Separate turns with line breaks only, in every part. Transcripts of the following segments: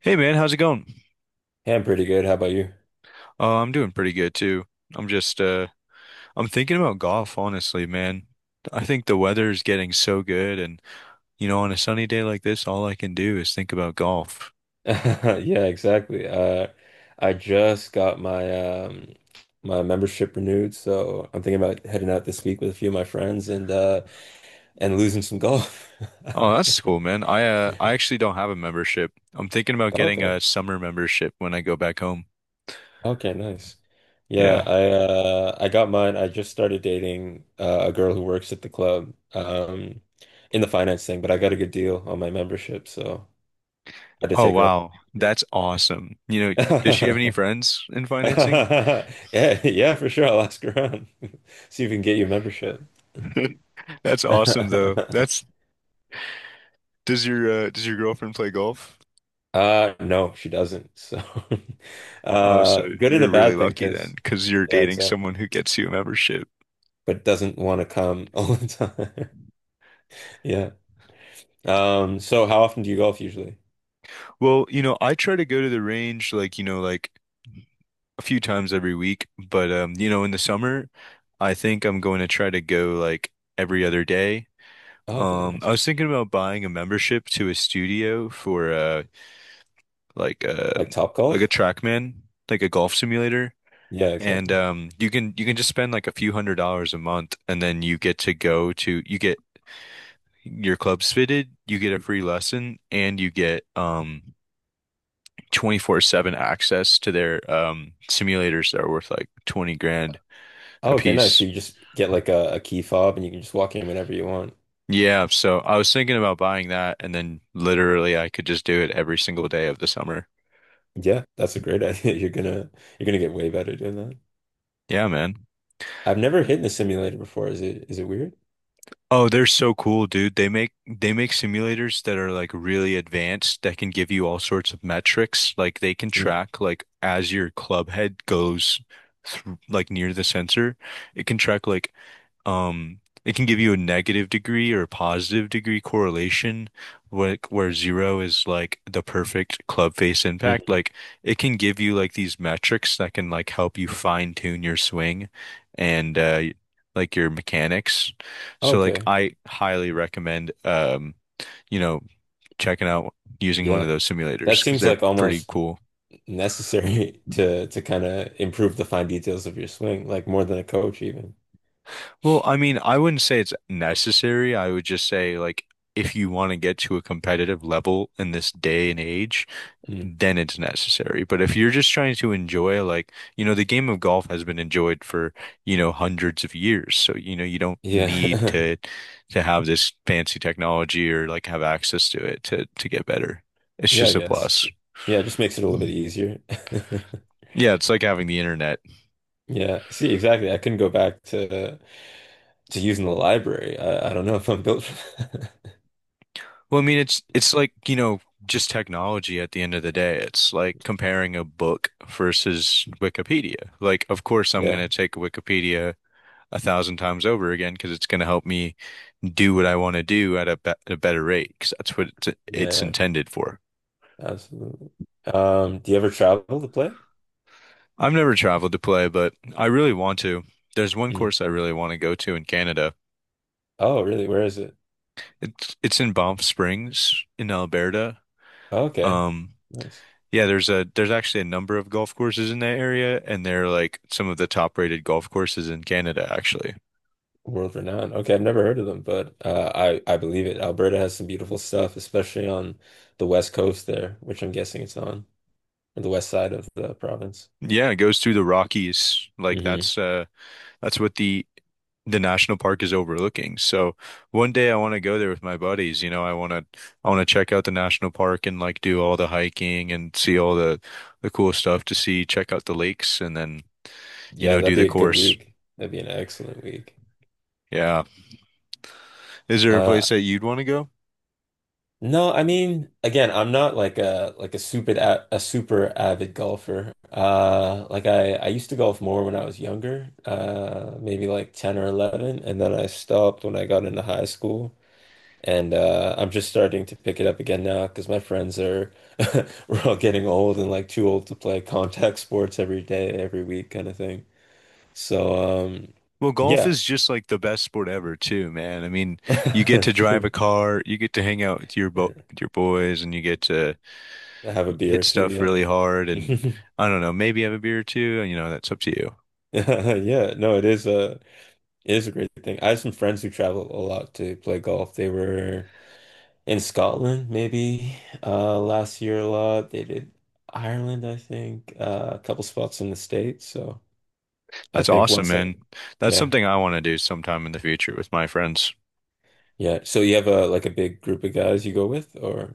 Hey man, how's it going?
Yeah, I'm pretty good. How about you?
I'm doing pretty good too. I'm just I'm thinking about golf, honestly, man. I think the weather is getting so good and you know, on a sunny day like this, all I can do is think about golf.
Yeah, exactly. I just got my my membership renewed, so I'm thinking about heading out this week with a few of my friends and losing some golf.
Oh, that's cool, man. I actually don't have a membership. I'm thinking about getting
Okay.
a summer membership when I go back home.
Okay, nice.
Yeah.
Yeah, I got mine. I just started dating a girl who works at the club in the finance thing, but I got a good deal on my membership, so I had to
Oh,
take her up.
wow. That's awesome. You know, does she have any friends in financing?
Yeah, yeah, for sure. I'll ask around. See if we can get you a membership.
That's awesome though. That's Does your does your girlfriend play golf?
No, she doesn't. So,
Oh, so
good and
you're
a
really
bad thing,
lucky then,
because
because you're
yeah,
dating
exactly.
someone who gets you a membership.
But doesn't want to come all the time. Yeah. So how often do you golf usually?
Well, you know, I try to go to the range like, you know, like a few times every week, but you know, in the summer, I think I'm going to try to go like every other day.
Oh, okay,
I
nice.
was thinking about buying a membership to a studio for like uh
Like top
like a
golf?
TrackMan, like a golf simulator.
Yeah,
And
exactly.
you can just spend like a few $100s a month and then you get to go to you get your club's fitted, you get a free lesson, and you get 24/7 access to their simulators that are worth like 20 grand
Oh,
a
okay, nice. So
piece.
you just get like a key fob and you can just walk in whenever you want.
Yeah, so I was thinking about buying that and then literally I could just do it every single day of the summer.
Yeah, that's a great idea. You're gonna get way better doing that.
Yeah, man.
I've never hit in the simulator before. Is it weird?
Oh, they're so cool, dude. They make simulators that are like really advanced that can give you all sorts of metrics. Like they can
Mm,
track like as your club head goes through like near the sensor, it can track like, it can give you a negative degree or a positive degree correlation, like where zero is like the perfect club face impact.
mm.
Like it can give you like these metrics that can like help you fine tune your swing and like your mechanics. So like
Okay.
I highly recommend you know, checking out using one of
Yeah.
those
That
simulators because
seems
they're
like
pretty
almost
cool.
necessary to kind of improve the fine details of your swing, like more than a coach even.
Well, I mean, I wouldn't say it's necessary. I would just say, like, if you want to get to a competitive level in this day and age,
Mm.
then it's necessary. But if you're just trying to enjoy, like, you know, the game of golf has been enjoyed for, you know, hundreds of years. So, you know, you don't need
Yeah.
to have this fancy technology or like have access to it to get better. It's
Yeah, I
just a
guess.
plus.
Yeah, it just makes it a little bit easier.
Yeah, it's like having the internet.
Yeah. See, exactly. I couldn't go back to using the library. I don't know if I'm built for that.
Well, I mean, it's like, you know, just technology at the end of the day. It's like comparing a book versus Wikipedia. Like, of course, I'm going
Yeah.
to take Wikipedia a thousand times over again because it's going to help me do what I want to do at be a better rate because that's what it's
Yeah.
intended for.
Absolutely. Do you ever travel to play?
I've never traveled to play, but I really want to. There's one
Mm.
course I really want to go to in Canada.
Oh, really? Where is it?
It's in Banff Springs in Alberta.
Oh, okay.
Um,
Nice.
Yeah, there's a there's actually a number of golf courses in that area, and they're like some of the top rated golf courses in Canada, actually.
World renowned. Okay, I've never heard of them, but I believe it. Alberta has some beautiful stuff, especially on the west coast there, which I'm guessing it's on, or the west side of the province.
Yeah, it goes through the Rockies.
Hmm.
That's what the national park is overlooking. So one day I want to go there with my buddies. You know, I want to check out the national park and like do all the hiking and see all the cool stuff to see, check out the lakes, and then you
Yeah,
know
that'd
do
be
the
a good
course.
week. That'd be an excellent week.
Yeah, is there a
Uh,
place that you'd want to go?
no, I mean, again, I'm not like a super a super avid golfer. Like I used to golf more when I was younger, maybe like 10 or 11, and then I stopped when I got into high school. And I'm just starting to pick it up again now because my friends are we're all getting old and like too old to play contact sports every day, every week kind of thing. So
Well, golf
yeah.
is just like the best sport ever, too, man. I mean, you get to drive a
True.
car, you get to hang out with your bo with your boys, and you get to
Have a beer or
hit
two,
stuff
yeah.
really hard, and I don't know, maybe have a beer or two. You know, that's up to you.
Yeah, no, it is a great thing. I have some friends who travel a lot to play golf. They were in Scotland maybe last year a lot. They did Ireland, I think, a couple spots in the States, so I
That's
think
awesome,
once
man.
I,
That's
yeah,
something I want to do sometime in the future with my friends.
yeah. So you have a like a big group of guys you go with, or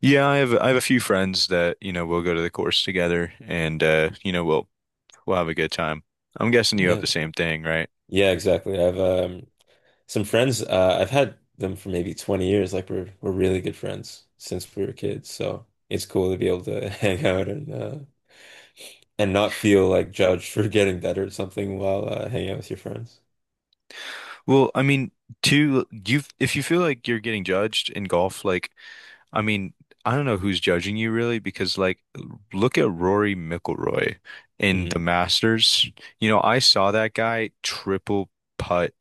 Yeah, I have a few friends that, you know, we'll go to the course together, and you know, we'll have a good time. I'm guessing you have
yeah,
the same thing, right?
yeah, exactly. I've some friends. I've had them for maybe 20 years. Like we're really good friends since we were kids. So it's cool to be able to hang out and not feel like judged for getting better at something while hanging out with your friends.
Well, I mean, to you, if you feel like you're getting judged in golf, like. I mean, I don't know who's judging you really because like look at Rory McIlroy in
Mm.
the Masters. You know, I saw that guy triple putt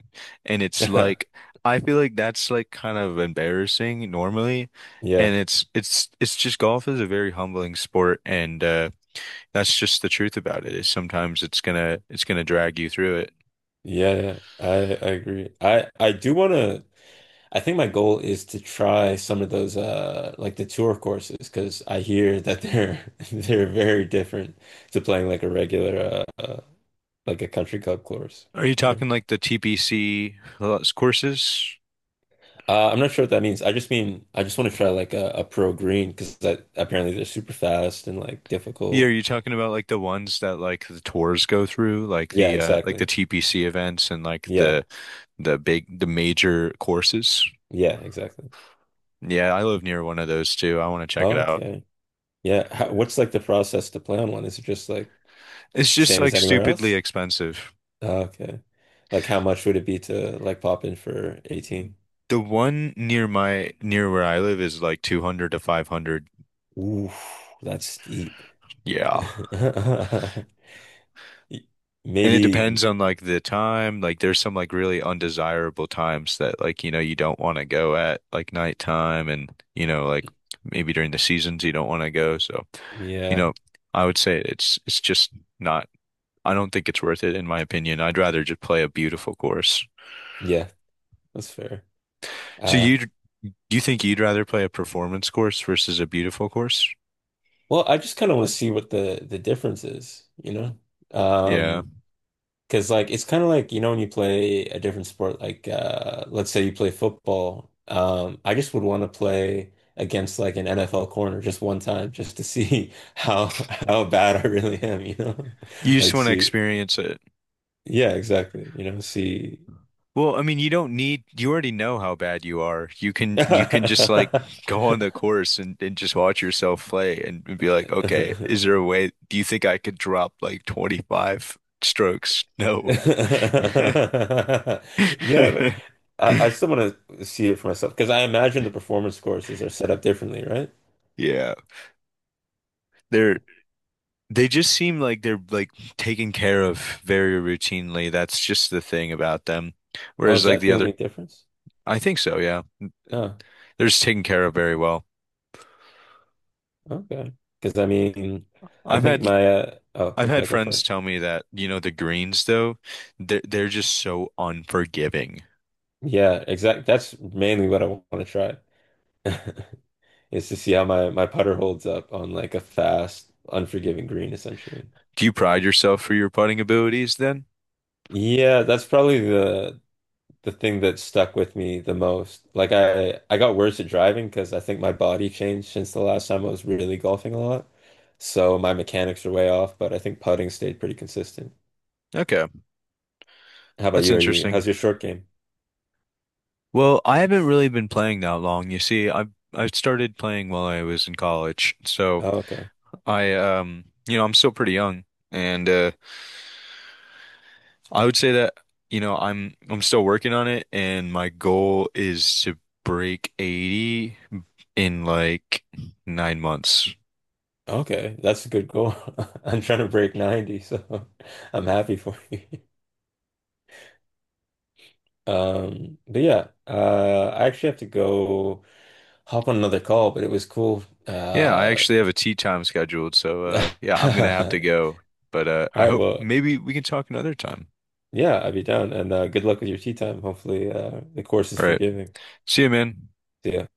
and it's like I feel like that's like kind of embarrassing normally and
Yeah,
it's just golf is a very humbling sport and that's just the truth about it is sometimes it's gonna drag you through it.
yeah, yeah. I agree. I do want to. I think my goal is to try some of those like the tour courses because I hear that they're they're very different to playing like a regular uh like a country club course,
Are you
you know.
talking like the TPC courses?
I'm not sure what that means. I just want to try like a pro green because that apparently they're super fast and like
Yeah,
difficult.
are you talking about like the ones that like the tours go through, like
Yeah,
the
exactly.
TPC events and like
Yeah.
the big the major courses?
Yeah, exactly.
Yeah, I live near one of those too. I want to check it out.
Okay. Yeah. What's like the process to play on one? Is it just like
It's just
same as
like
anywhere
stupidly
else?
expensive.
Oh, okay. Like how much would it be to like pop in for 18?
The one near my near where I live is like 200 to 500.
Ooh, that's steep.
Yeah.
Y-
And it
Maybe,
depends on like the time. Like there's some like really undesirable times that like you know you don't want to go at like nighttime and you know like maybe during the seasons you don't want to go. So you
yeah,
know, I would say it's just not. I don't think it's worth it in my opinion. I'd rather just play a beautiful course.
yeah, that's fair.
So
Uh,
you think you'd rather play a performance course versus a beautiful course?
well, I just kind of want to see what the difference is, you know?
Yeah.
Um, Because like it's kind of like, you know, when you play a different sport, like uh, let's say you play football, um, I just would want to play against like an NFL corner just one time just to see how bad I really am, you know?
You just
Like
want to
see,
experience it.
yeah, exactly, you know, see.
Well, I mean, you don't need, you already know how bad you are. You can you can just like
Yeah,
go on the course and just watch yourself play and be like, okay, is there a way, do you think I could drop like 25 strokes? No.
but I still want to see it for myself because I imagine the performance courses are set up differently, right?
Yeah. There They just seem like they're like taken care of very routinely. That's just the thing about them.
Oh,
Whereas
is
like
that
the
the
other,
only difference?
I think so, yeah.
Oh.
They're just taken care of very well.
Okay. Because I mean, I
I've
think
had
my oh
I've
yeah,
had
go for
friends
it.
tell me that, you know, the greens though, they're just so unforgiving.
Yeah, exact. That's mainly what I want to try is to see how my putter holds up on like a fast, unforgiving green, essentially.
Do you pride yourself for your putting abilities then?
Yeah, that's probably the thing that stuck with me the most. Like I got worse at driving because I think my body changed since the last time I was really golfing a lot. So my mechanics are way off, but I think putting stayed pretty consistent.
Okay,
How about
that's
you? Are you
interesting.
how's your short game?
Well, I haven't really been playing that long. You see, I started playing while I was in college. So
Oh, okay.
I you know, I'm still pretty young and I would say that you know, I'm still working on it and my goal is to break 80 in like 9 months.
Okay, that's a good goal. I'm trying to break 90, so I'm happy for you. But yeah, I actually have to go hop on another call, but it was cool.
Yeah, I actually have a tea time scheduled, so
All
yeah, I'm gonna have to go. But I
right,
hope
well,
maybe we can talk another time.
yeah, I'll be down and good luck with your tea time. Hopefully, the course is
All right.
forgiving.
See you, man.
See ya.